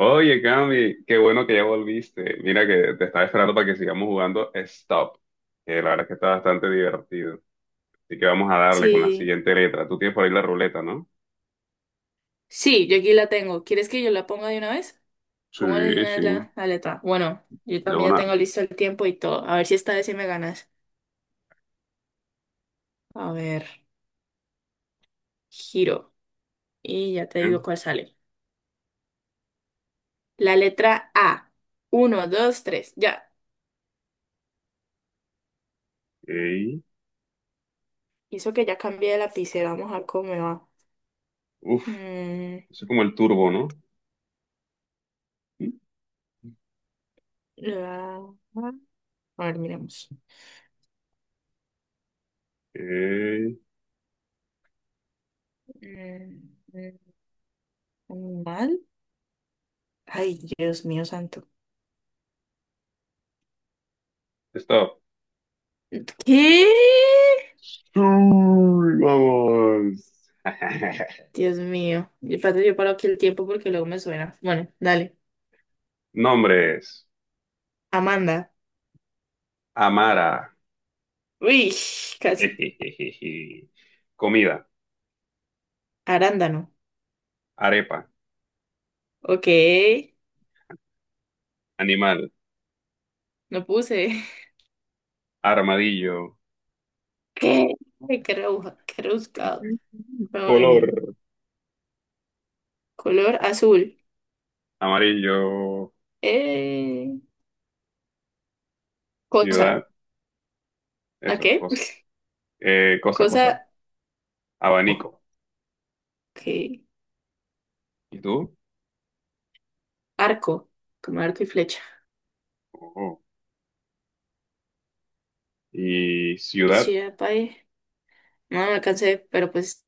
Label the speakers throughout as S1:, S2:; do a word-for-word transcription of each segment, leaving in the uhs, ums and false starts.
S1: Oye, Cami, qué bueno que ya volviste. Mira que te estaba esperando para que sigamos jugando Stop, que la verdad es que está bastante divertido. Así que vamos a darle con la
S2: Sí,
S1: siguiente letra. Tú tienes por ahí la ruleta, ¿no?
S2: sí, yo aquí la tengo. ¿Quieres que yo la ponga de una vez? Pongo de
S1: Sí,
S2: una vez
S1: sí,
S2: la, la letra. Bueno, yo
S1: de
S2: también ya
S1: una.
S2: tengo listo el tiempo y todo. A ver si esta vez sí me ganas. A ver, giro. Y ya te
S1: ¿Eh?
S2: digo cuál sale. La letra A. Uno, dos, tres. Ya.
S1: Ok.
S2: Hizo que ya cambié de lapicera. Vamos a ver cómo me va.
S1: Uf,
S2: Mm,
S1: eso es como el turbo, ¿no?
S2: la- A ver, miremos.
S1: Ok.
S2: Mm, mm, ¿Mal? Ay, Dios mío santo.
S1: Stop.
S2: ¿Qué?
S1: Uy, vamos.
S2: Dios mío. Y espérate, yo paro aquí el tiempo porque luego me suena. Bueno, dale.
S1: Nombres.
S2: Amanda.
S1: Amara.
S2: Uy, casi.
S1: Comida.
S2: Arándano.
S1: Arepa.
S2: Ok.
S1: Animal.
S2: No puse.
S1: Armadillo.
S2: ¿Qué? Ay, qué rebuja, qué rebuscado. Pero muy bien.
S1: Color
S2: Color azul.
S1: amarillo,
S2: Eh,
S1: ciudad,
S2: cosa. ¿A
S1: eso,
S2: qué?
S1: cosa. Eh, cosa, cosa.
S2: Cosa. Ok.
S1: Abanico. ¿Y tú?
S2: Arco. Como arco y flecha.
S1: Oh. ¿Y
S2: Y
S1: ciudad?
S2: si era pa' ahí. No, no alcancé, pero pues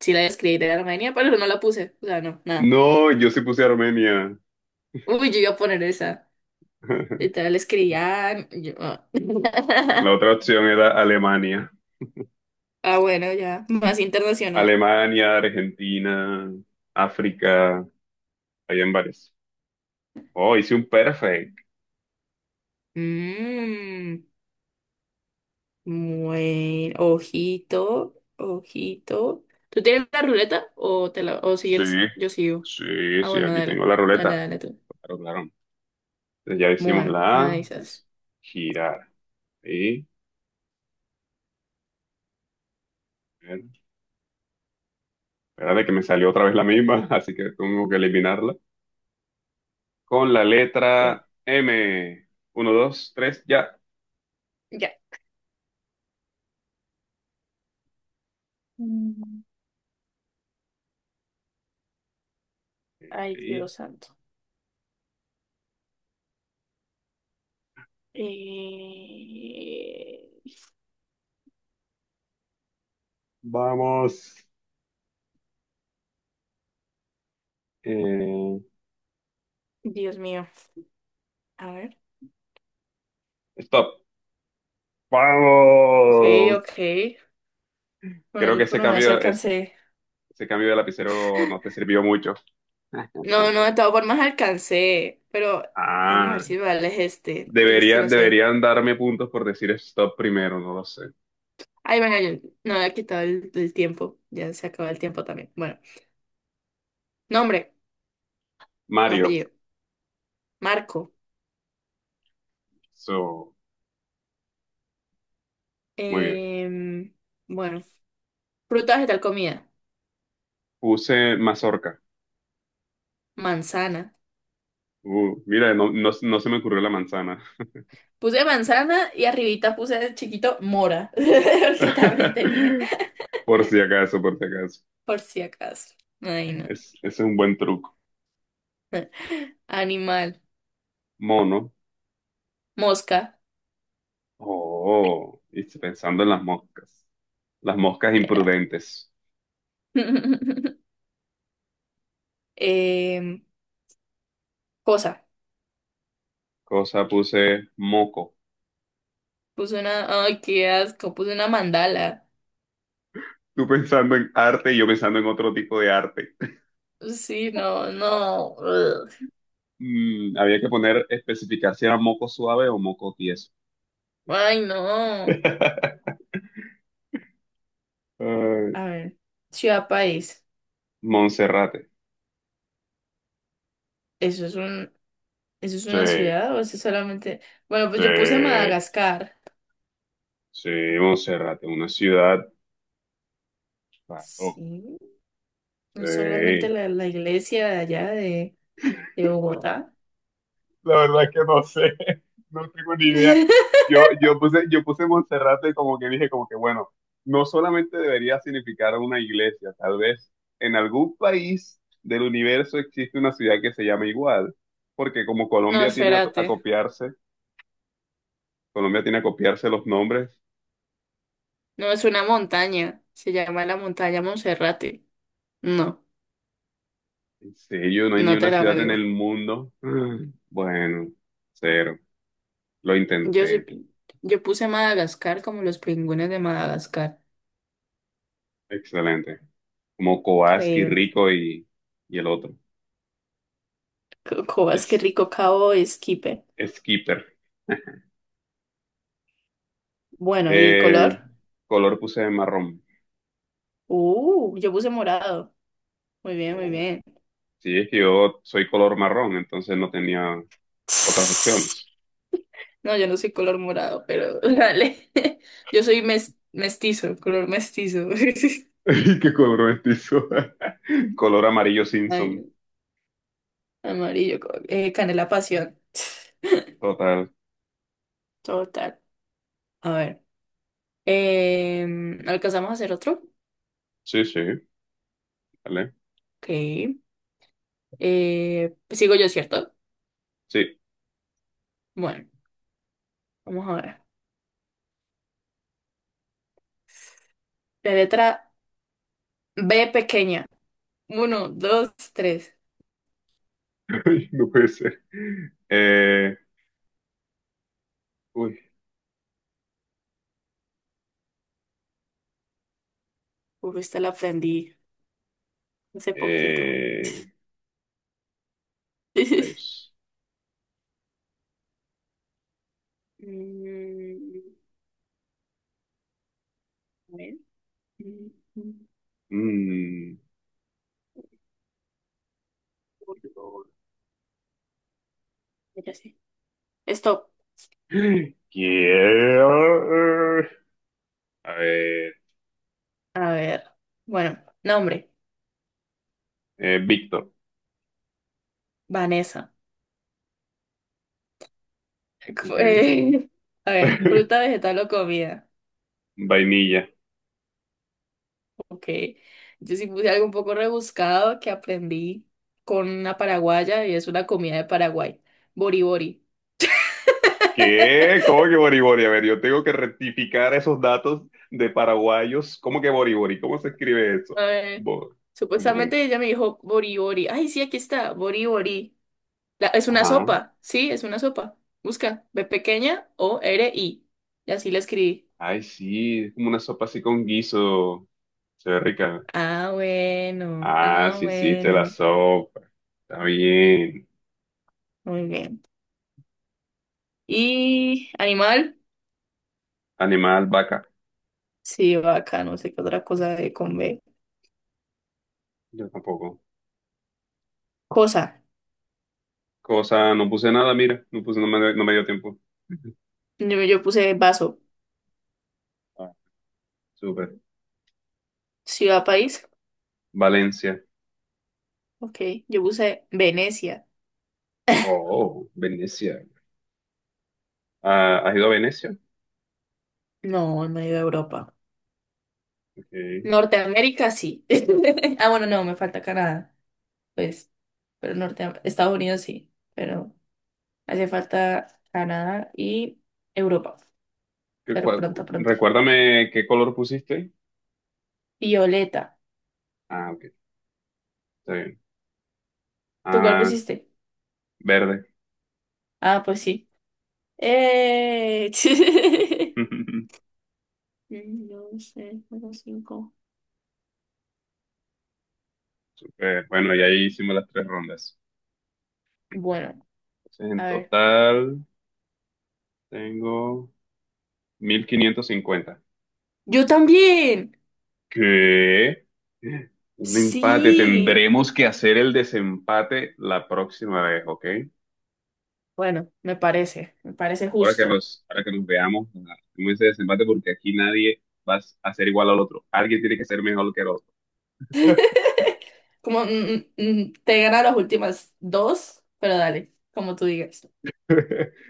S2: sí la escribí de Armenia, pero no la puse. O sea, no, nada.
S1: No, yo sí puse Armenia.
S2: Uy, yo iba a poner esa. Literal escribía. yo- Ah,
S1: La otra opción era Alemania.
S2: Ah, bueno, ya. Más internacional.
S1: Alemania, Argentina, África, hay en varios. Oh, hice un perfect.
S2: Mmm. Bueno. Ojito. Ojito. ¿Tú tienes la ruleta? O te la, o
S1: Sí,
S2: sigues yo sigo.
S1: sí,
S2: Ah,
S1: sí,
S2: bueno,
S1: aquí tengo
S2: dale.
S1: la
S2: Dale,
S1: ruleta.
S2: dale tú.
S1: Claro, claro. Entonces ya hicimos
S2: Bueno,
S1: la
S2: me
S1: A,
S2: avisas.
S1: es girar. Sí, espera de que me salió otra vez la misma, así que tengo que eliminarla. Con la
S2: Ve,
S1: letra M. Uno, dos, tres, ya.
S2: ya. Mm, Ay,
S1: Y
S2: Dios santo. Eh,
S1: vamos. Eh,
S2: Dios mío. A ver.
S1: stop.
S2: Ok,
S1: ¡Vamos!
S2: ok. Bueno,
S1: Creo que
S2: yo por
S1: ese
S2: lo menos sí
S1: cambio, es-
S2: alcancé.
S1: ese cambio de lapicero no te sirvió mucho.
S2: No, no, de todas formas alcancé, pero vamos a ver
S1: Ah,
S2: si vale es este, porque es que
S1: debería,
S2: no sé.
S1: deberían darme puntos por decir stop primero, no lo sé.
S2: Ay, bueno, yo no había quitado el, el tiempo, ya se acabó el tiempo también. Bueno, nombre o
S1: Mario,
S2: apellido, Marco.
S1: so, muy bien.
S2: Em, bueno, fruta, vegetal, comida,
S1: Puse mazorca.
S2: manzana.
S1: Uh, mira, no, no, no se me ocurrió la manzana.
S2: Puse manzana y arribita puse el chiquito mora, porque también tenía,
S1: Por si acaso, por si acaso.
S2: por si acaso. Ay, no.
S1: Es, es un buen truco.
S2: Animal,
S1: Mono.
S2: mosca,
S1: Oh, y pensando en las moscas. Las moscas
S2: será.
S1: imprudentes.
S2: Em, cosa.
S1: Cosa puse moco.
S2: Puse una, ay, qué asco, puse una mandala.
S1: Tú pensando en arte y yo pensando en otro tipo de arte.
S2: Pues sí, no, no. Ugh.
S1: Mm, había que poner, especificar si era moco suave o moco tieso.
S2: Ay, no.
S1: Ay,
S2: A ver, ciudad país.
S1: Monserrate.
S2: ¿Eso es un, eso es
S1: Sí,
S2: una ciudad o eso es solamente? Bueno, pues
S1: sí,
S2: yo puse Madagascar.
S1: sí, Monserrate, una ciudad. Claro,
S2: Sí, no es solamente
S1: sí.
S2: la, la iglesia de allá de, de, Bogotá.
S1: La verdad es que no sé, no tengo ni idea. Yo, yo puse, yo puse Monserrate como que dije, como que bueno, no solamente debería significar una iglesia, tal vez en algún país del universo existe una ciudad que se llama igual, porque como
S2: No,
S1: Colombia tiene a, a
S2: espérate.
S1: copiarse, Colombia tiene a copiarse los nombres,
S2: No, es una montaña. Se llama la montaña Monserrate. No,
S1: en serio, no hay ni
S2: no te
S1: una
S2: la
S1: ciudad en
S2: valgo.
S1: el mundo. Mm, Bueno, cero, lo
S2: Yo sí,
S1: intenté,
S2: pi- yo puse Madagascar como los pingüinos de Madagascar.
S1: excelente, como Kobaski,
S2: Increíble.
S1: Rico y, y el otro,
S2: Co- Cobas, qué
S1: es
S2: rico cabo esquipe.
S1: Skipper.
S2: Bueno, ¿y el color?
S1: Eh, color puse marrón.
S2: Uh, yo puse morado. Muy bien, muy
S1: Oh.
S2: bien.
S1: Sí, es que yo soy color marrón, entonces no tenía otras opciones.
S2: No, yo no soy color morado, pero dale. Yo soy mes- mestizo, color mestizo.
S1: ¿Y qué color mestizo? Color amarillo Simpson.
S2: Ay, amarillo, co- eh, canela pasión.
S1: Total.
S2: Total. A ver. em, ¿alcanzamos a hacer otro?
S1: Sí, sí, vale.
S2: Ok. Eh, sigo yo, ¿cierto?
S1: Sí,
S2: Bueno, vamos a ver. La letra B pequeña. Uno, dos, tres.
S1: ay, no puede ser. Eh, uy.
S2: Uf, esta la aprendí hace poquito.
S1: Eh, ahí es.
S2: Mm, a ver. Mm, mm,
S1: Mm.
S2: color. Ya sé. Stop.
S1: Quiero- eh, A ver.
S2: A ver. Bueno, nombre.
S1: eh, Víctor.
S2: Vanessa.
S1: Ok.
S2: Eh, a ver, fruta, vegetal o comida.
S1: Vainilla.
S2: Ok. Yo sí puse algo un poco rebuscado que aprendí con una paraguaya y es una comida de Paraguay. Bori bori.
S1: ¿Qué? ¿Cómo que Boribori? A ver, yo tengo que rectificar esos datos de paraguayos. ¿Cómo que Boribori? ¿Cómo se escribe eso?
S2: Eh,
S1: Bo- ¿cómo, cómo?
S2: supuestamente ella me dijo Bori Bori. Ay, sí, aquí está, Bori Bori. La- es una
S1: Ajá.
S2: sopa, sí, es una sopa. Busca, B pequeña O R I. Y así la escribí.
S1: Ay, sí, es como una sopa así con guiso. Se ve rica.
S2: Ah, bueno,
S1: Ah,
S2: ah,
S1: sí, sí, te la
S2: bueno.
S1: sopa. Está bien.
S2: Muy bien. ¿Y animal?
S1: Animal, vaca.
S2: Sí, vaca, no sé qué otra cosa de con B.
S1: Yo tampoco.
S2: Cosa.
S1: Cosa, no puse nada, mira. No puse, no me, no me dio tiempo.
S2: Yo, yo puse vaso.
S1: Ah, súper.
S2: Ciudad, país.
S1: Valencia.
S2: Ok. Yo puse Venecia.
S1: Oh, Venecia. Ah, ¿has ido a Venecia?
S2: No, en medio de Europa.
S1: Ok.
S2: Norteamérica, sí. Ah, bueno, no, me falta Canadá. Pues, pero norte, Estados Unidos sí, pero hace falta Canadá y Europa,
S1: ¿Qué
S2: pero
S1: cua-
S2: pronto, pronto.
S1: Recuérdame qué color pusiste.
S2: Violeta,
S1: Ah, ok, está bien.
S2: ¿tú cuál
S1: Ah,
S2: pusiste?
S1: verde.
S2: Ah, pues sí. ¡Eh! Mm, No sé, juego cinco.
S1: Super. Bueno, y ahí hicimos las tres rondas.
S2: Bueno,
S1: Entonces, en
S2: a ver.
S1: total tengo mil quinientos cincuenta.
S2: Yo también.
S1: ¿Qué? Un empate.
S2: Sí.
S1: Tendremos que hacer el desempate la próxima vez, ¿ok?
S2: Bueno, me parece, me parece
S1: Ahora que
S2: justo.
S1: nos, ahora que nos veamos, hacemos ese desempate porque aquí nadie va a ser igual al otro. Alguien tiene que ser mejor que el otro.
S2: Como mm, mm, mm, te ganan las últimas dos, pero dale, como tú digas.